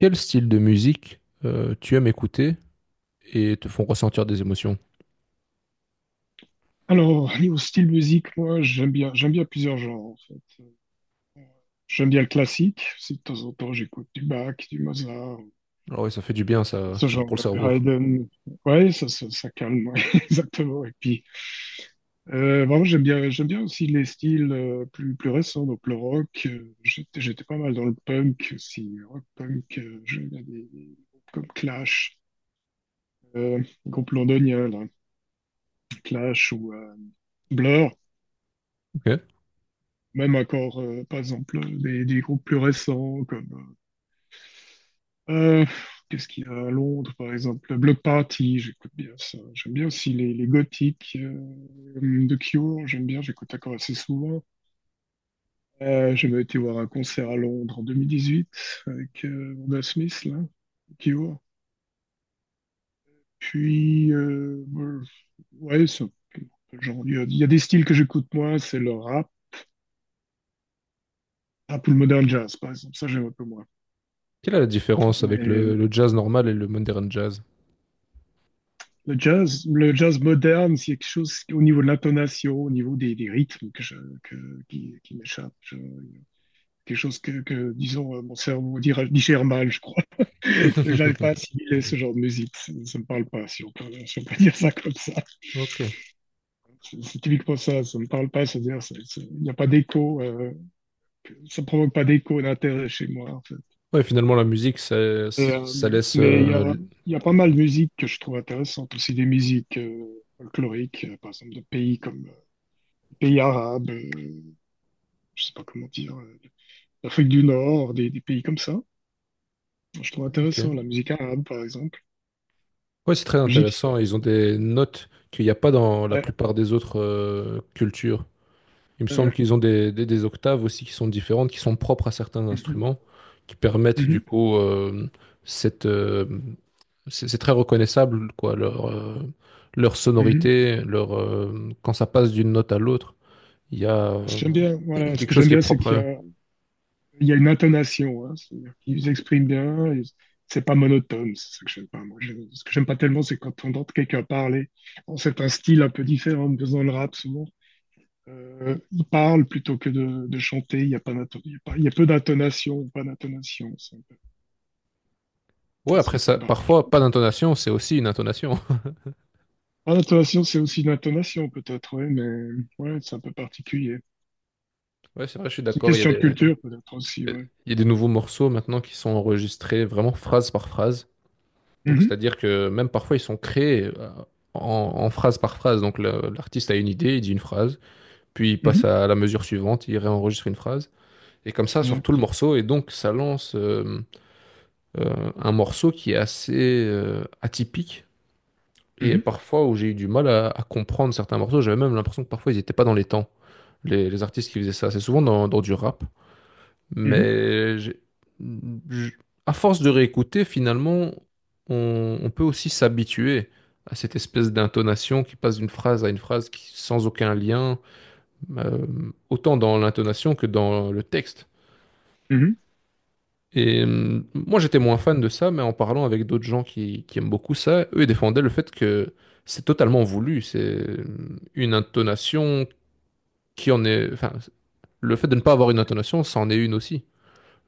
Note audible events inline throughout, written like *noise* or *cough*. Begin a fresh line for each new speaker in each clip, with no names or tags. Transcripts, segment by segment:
Quel style de musique tu aimes écouter et te font ressentir des émotions?
Alors, lié au style musique, moi, j'aime bien plusieurs genres, en fait. J'aime bien le classique. Si de temps en temps, j'écoute du Bach, du Mozart,
Alors oui, ça fait du bien ça,
ce genre
pour le
de
cerveau.
Haydn. Ouais, ça calme, ouais, *laughs* exactement. Et puis, vraiment, j'aime bien aussi les styles plus récents, donc le rock. J'étais pas mal dans le punk aussi. Rock punk, j'aime bien des groupes comme Clash, euh, groupe londonien, là, Clash ou Blur.
Ok.
Même encore, par exemple, des groupes plus récents comme Euh, qu'est-ce qu'il y a à Londres, par exemple? Le Block Party, j'écoute bien ça. J'aime bien aussi les gothiques de Cure, j'aime bien, j'écoute encore assez souvent. J'avais été voir un concert à Londres en 2018 avec Wanda Smith, là, Cure. Puis, bon, ouais, c'est un peu genre, il y a des styles que j'écoute moins, c'est le rap, ou le modern jazz, par exemple. Ça, j'aime un peu moins.
Quelle est la différence avec le jazz normal et le modern jazz?
Le jazz moderne, c'est quelque chose au niveau de l'intonation, au niveau des rythmes que je, que, qui m'échappe. Quelque chose que, disons, mon cerveau digère mal, je crois. *laughs* J'arrive pas à
*laughs*
assimiler ce genre de musique. Ça, ne me parle pas, si on peut dire ça comme ça.
Ok.
C'est typiquement ça me parle pas, c'est-à-dire, il n'y a pas d'écho, ça provoque pas d'écho d'intérêt chez moi, en fait.
Ouais, finalement la musique, ça,
Et, mais il y a, il y a pas mal de musique que je trouve intéressante, aussi des musiques folkloriques, par exemple de pays comme pays arabes, je sais pas comment dire, l'Afrique du Nord, des pays comme ça. Je trouve intéressant
ok.
la musique arabe, par exemple,
Ouais, c'est très
égyptienne.
intéressant. Ils ont des notes qu'il n'y a pas dans la
Ouais,
plupart des autres cultures. Il me semble
ouais.
qu'ils ont des octaves aussi qui sont différentes, qui sont propres à certains
Mhm,
instruments, qui permettent du
mhm,
coup cette c'est très reconnaissable quoi leur leur
mhm.
sonorité, leur quand ça passe d'une note à l'autre, il y a
J'aime bien, voilà, ce
quelque
que
chose
j'aime
qui est
bien, c'est
propre à
qu'il y
eux.
a, il y a une intonation, hein, c'est-à-dire qu'ils expriment bien, et c'est pas monotone, c'est ça que j'aime pas. Moi, ce que j'aime pas tellement, c'est quand on entend quelqu'un parler. Bon, c'est un style un peu différent, mais dans le rap, souvent, il parle plutôt que de chanter, il y a peu d'intonation, pas d'intonation.
Ouais,
C'est
après
un peu
ça, parfois
particulier.
pas d'intonation, c'est aussi une intonation. *laughs*
Ah, l'intonation, c'est aussi une intonation, peut-être, ouais, mais ouais, c'est un peu particulier.
Ouais, c'est vrai, je suis
C'est une
d'accord.
question de culture, peut-être aussi,
Il
ouais.
y a des nouveaux morceaux maintenant qui sont enregistrés vraiment phrase par phrase. Donc,
Mhm,
c'est-à-dire que même parfois, ils sont créés en phrase par phrase. Donc, l'artiste a une idée, il dit une phrase, puis il
mhm,
passe à la mesure suivante, il réenregistre une phrase, et comme ça sur tout le
exact.
morceau. Et donc, ça lance un morceau qui est assez atypique. Et
Mhm,
parfois, où j'ai eu du mal à comprendre certains morceaux, j'avais même l'impression que parfois, ils n'étaient pas dans les temps, les artistes qui faisaient ça. C'est souvent dans du rap.
mhm,
Mais je- à force de réécouter, finalement, on peut aussi s'habituer à cette espèce d'intonation qui passe d'une phrase à une phrase qui, sans aucun lien, euh, autant dans l'intonation que dans le texte.
mhm.
Et moi, j'étais moins fan de ça, mais en parlant avec d'autres gens qui aiment beaucoup ça, eux ils défendaient le fait que c'est totalement voulu. C'est une intonation qui en est... Enfin, le fait de ne pas avoir une intonation, c'en est une aussi.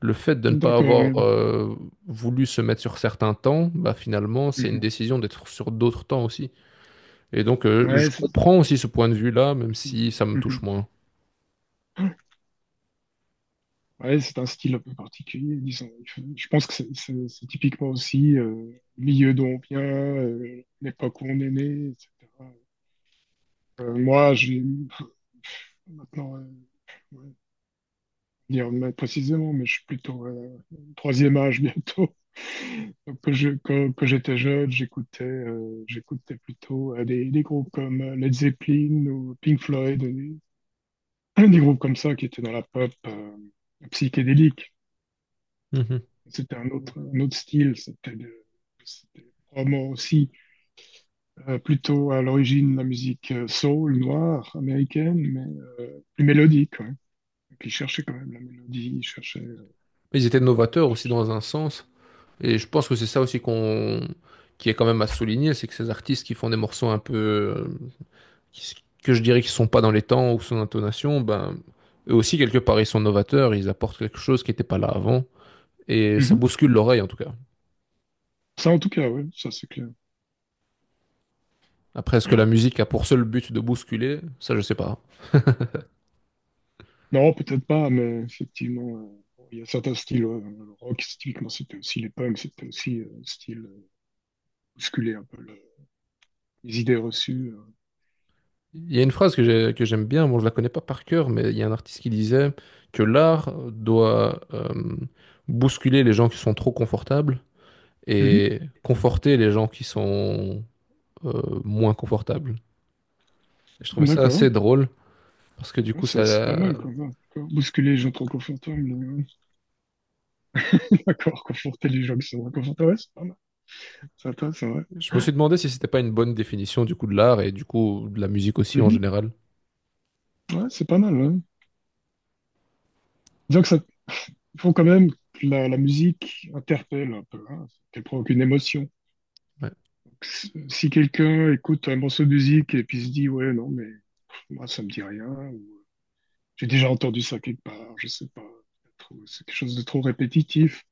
Le fait de ne pas
D'accord,
avoir
ouais.
voulu se mettre sur certains temps, bah, finalement, c'est une
Mhm.
décision d'être sur d'autres temps aussi. Et donc,
Ouais,
je
c'est
comprends aussi ce point de vue-là, même si ça me touche
mhm.
moins.
Ouais, c'est un style un peu particulier, disons. Je pense que c'est typiquement aussi le milieu dont on vient, l'époque où on est né, etc. Moi, j'ai maintenant. Ouais, dire mais précisément, mais je suis plutôt troisième âge bientôt. *laughs* Donc, quand j'étais jeune, j'écoutais plutôt des groupes comme Led Zeppelin ou Pink Floyd, *clears throat* des groupes comme ça qui étaient dans la pop psychédélique.
Mhm.
C'était un autre style, c'était probablement aussi plutôt à l'origine de la musique soul, noire, américaine, mais plus mélodique. Ouais. Et puis ils cherchaient quand même la mélodie, ils cherchaient.
Ils étaient novateurs aussi dans un sens. Et je pense que c'est ça aussi qui est quand même à souligner, c'est que ces artistes qui font des morceaux un peu... qui- que je dirais qui sont pas dans les temps ou son intonation, ben, eux aussi, quelque part, ils sont novateurs, ils apportent quelque chose qui n'était pas là avant. Et ça
Mhm.
bouscule l'oreille, en tout cas.
Ça, en tout cas, ouais, ça c'est clair.
Après, est-ce que la musique a pour seul but de bousculer? Ça, je sais pas.
Non, peut-être pas, mais effectivement, bon, il y a certains styles. Ouais, le rock, c'est typiquement, c'était aussi les punks, c'était aussi style bousculer un peu les idées reçues.
Il y a une phrase que que j'aime bien, bon, je la connais pas par cœur, mais il y a un artiste qui disait que l'art doit bousculer les gens qui sont trop confortables
Mhm.
et conforter les gens qui sont moins confortables. Et je trouvais ça
D'accord.
assez drôle parce que du
Ouais,
coup,
c'est pas
ça,
mal quand même. D'accord. Bousculer les gens trop confortables. *laughs* D'accord, conforter les gens qui sont inconfortables. Ouais, c'est pas mal. C'est pas- C'est vrai.
je me suis demandé si c'était pas une bonne définition du coup de l'art et du coup de la musique aussi en
Mhm.
général.
Ouais, c'est pas mal, hein. Disons que ça, il faut quand même que la musique interpelle un peu, hein, qu'elle provoque une émotion.
Ouais,
Si quelqu'un écoute un morceau de musique et puis se dit, ouais, non, mais pff, moi, ça me dit rien, ou j'ai déjà entendu ça quelque part, je sais pas, c'est quelque chose de trop répétitif,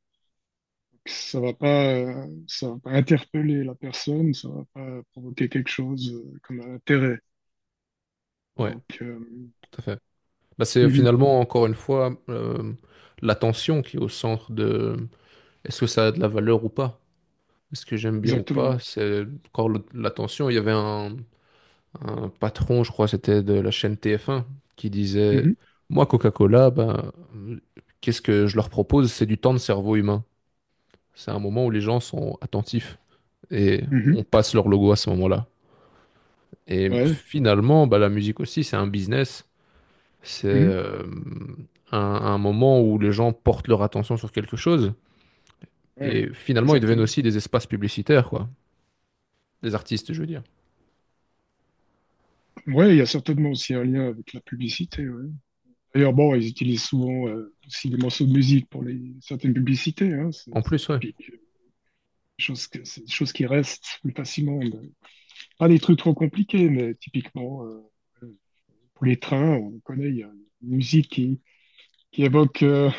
ça va pas interpeller la personne, ça va pas provoquer quelque chose comme un intérêt.
ouais,
Donc,
tout à fait. Bah, c'est
mhm,
finalement encore une fois l'attention qui est au centre de Est-ce que ça a de la valeur ou pas? Est-ce que j'aime bien ou pas?
exactement.
C'est encore l'attention. Il y avait un patron, je crois, c'était de la chaîne TF1, qui disait,
Mhm,
moi, Coca-Cola, ben, qu'est-ce que je leur propose? C'est du temps de cerveau humain. C'est un moment où les gens sont attentifs et on
mhm,
passe leur logo à ce moment-là. Et
ouais,
finalement, bah, la musique aussi, c'est un business. C'est
mhm,
un moment où les gens portent leur attention sur quelque chose.
ouais,
Et finalement, ils deviennent
exactement.
aussi des espaces publicitaires, quoi. Des artistes, je veux dire.
Ouais, il y a certainement aussi un lien avec la publicité. Ouais. D'ailleurs, bon, ils utilisent souvent aussi des morceaux de musique pour les certaines publicités. Hein, c'est
En
c'est
plus, ouais.
typique. Des choses, que, c'est des choses qui restent plus facilement. Mais pas des trucs trop compliqués, mais typiquement euh, pour les trains, on connaît, il y a une musique qui évoque,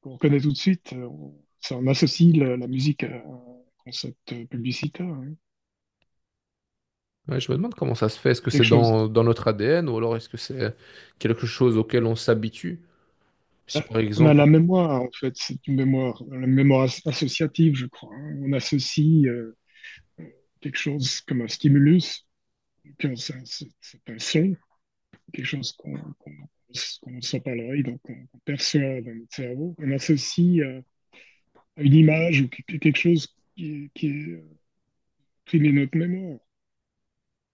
qu'on connaît tout de suite. On, ça, on associe la musique à un concept publicitaire, hein,
Ouais, je me demande comment ça se fait. Est-ce que
quelque
c'est
chose.
dans notre ADN ou alors est-ce que c'est quelque chose auquel on s'habitue? Si par
On a
exemple,
la mémoire, en fait, c'est une mémoire, la mémoire associative, je crois, hein. On associe. Quelque chose comme un stimulus, que c'est un son, quelque chose qu'on sent par l'oreille, donc qu'on perçoit dans notre cerveau, on associe à une image ou quelque chose qui est pris de notre mémoire.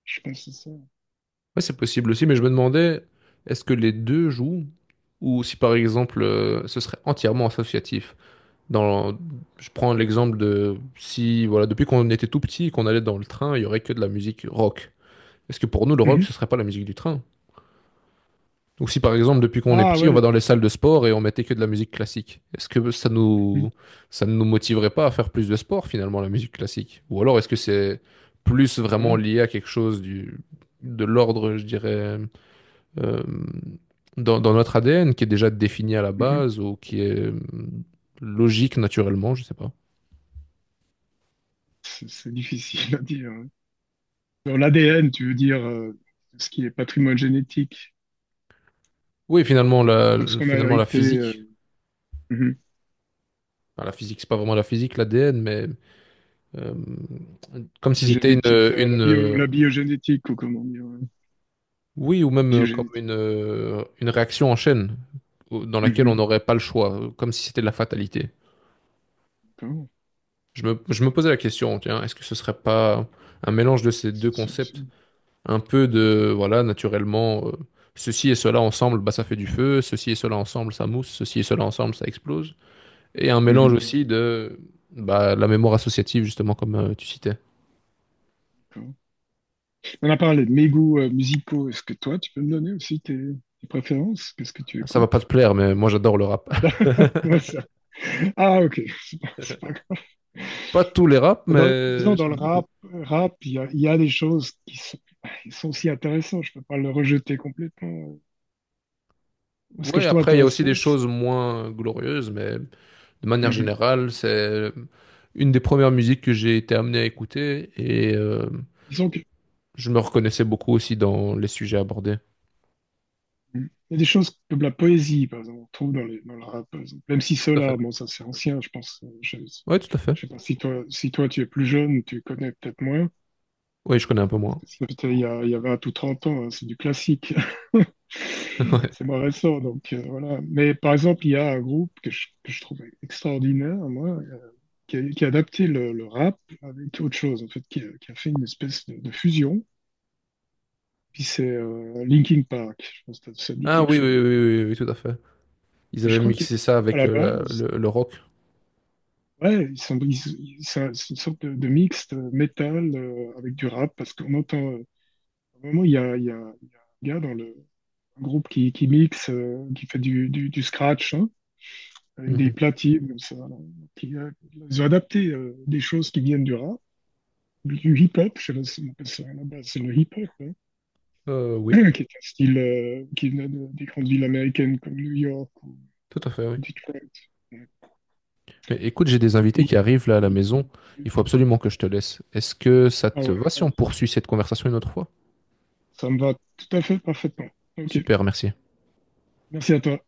Je pense que c'est ça.
ouais, c'est possible aussi, mais je me demandais, est-ce que les deux jouent ou si par exemple, ce serait entièrement associatif? Dans, je prends l'exemple de si, voilà, depuis qu'on était tout petit et qu'on allait dans le train, il y aurait que de la musique rock. Est-ce que pour nous, le rock,
Mhm.
ce serait pas la musique du train? Ou si par exemple, depuis qu'on est
Ah
petit, on va
ouais.
dans les salles de sport et on mettait que de la musique classique, est-ce que ça
Mhm.
nous, ça ne nous motiverait pas à faire plus de sport finalement, la musique classique? Ou alors est-ce que c'est plus vraiment
Ouais.
lié à quelque chose du, de l'ordre, je dirais, euh, dans notre ADN qui est déjà défini à la
Mhm.
base ou qui est logique naturellement, je sais pas.
C'est difficile à dire, hein. Dans l'ADN, tu veux dire ce qui est patrimoine génétique,
Oui,
donc ce qu'on a
finalement, la
hérité,
physique.
mhm.
Enfin, la physique, c'est pas vraiment la physique, l'ADN, mais euh, comme si
La
c'était
génétique, la bio, la
une,
biogénétique, ou comment dire, ouais.
Oui, ou même comme
Biogénétique.
une réaction en chaîne dans laquelle on
Mhm.
n'aurait pas le choix, comme si c'était de la fatalité.
D'accord.
Je me posais la question, tiens, est-ce que ce serait pas un mélange de ces deux
C'est- c'est- c'est
concepts? Un
c'est
peu
top.
de, voilà, naturellement, ceci et cela ensemble, bah, ça fait du feu, ceci et cela ensemble, ça mousse, ceci et cela ensemble, ça explose. Et un mélange
Mhm.
aussi de bah, la mémoire associative, justement, comme tu citais.
D'accord. On a parlé de mes goûts musicaux. Est-ce que toi, tu peux me donner aussi tes préférences? Qu'est-ce que tu
Ça va pas te
écoutes?
plaire, mais moi j'adore le rap.
*laughs* Ça.
*laughs*
Ah, ok. C'est pas grave.
Pas tous les raps,
Dans,
mais
disons, dans le
j'aime beaucoup.
rap, il y a des choses qui sont aussi intéressantes. Je peux pas le rejeter complètement. Moi, ce que
Ouais,
je trouve
après, il y a aussi
intéressant,
des
c'est.
choses moins glorieuses, mais de manière
Mhm.
générale, c'est une des premières musiques que j'ai été amené à écouter et
Disons que
je me reconnaissais beaucoup aussi dans les sujets abordés.
il y a des choses comme la poésie, par exemple, on trouve dans, les, dans le rap, par exemple. Même si
Tout à fait.
Solar, bon, ça c'est ancien, je pense. euh, Je,
Ouais, tout à fait.
je sais pas si toi, tu es plus jeune, tu connais peut-être moins.
Oui, je connais un peu moins.
C'est peut-être il y a 20 ou 30 ans, hein, c'est du classique. *laughs*
*laughs* Ouais.
C'est moins récent, donc voilà. Mais par exemple, il y a un groupe que je trouve extraordinaire, moi, qui a adapté le rap avec autre chose, en fait, qui a fait une espèce de fusion. Puis c'est Linkin Park, je pense que ça te dit
Ah
quelque
oui, oui, oui,
chose.
oui, oui, oui, tout à fait. Ils
Puis je
avaient
crois que
mixé ça
à
avec
la base,
le rock.
ouais, ils sont, c'est une sorte de mixte métal avec du rap parce qu'on entend. À un moment, il y a, il y a, il y a un gars dans le un groupe qui mixe, qui fait du scratch, hein, avec des
Mhm.
platines comme ça, là, qui, euh, ils ont adapté des choses qui viennent du rap, du hip-hop. Je sais pas si on appelle ça là-bas, c'est le hip-hop, hein,
Oui,
*clears throat* qui est un style qui venait des grandes villes américaines comme New York ou
tout à fait, oui.
Detroit. Ouais.
Mais écoute, j'ai des invités qui
Puis,
arrivent là à la maison. Il faut absolument que je te laisse. Est-ce que ça
ah
te va
ouais,
si on
ouais,
poursuit cette conversation une autre fois?
ça me va tout à fait parfaitement. Ok.
Super, merci.
Merci à toi.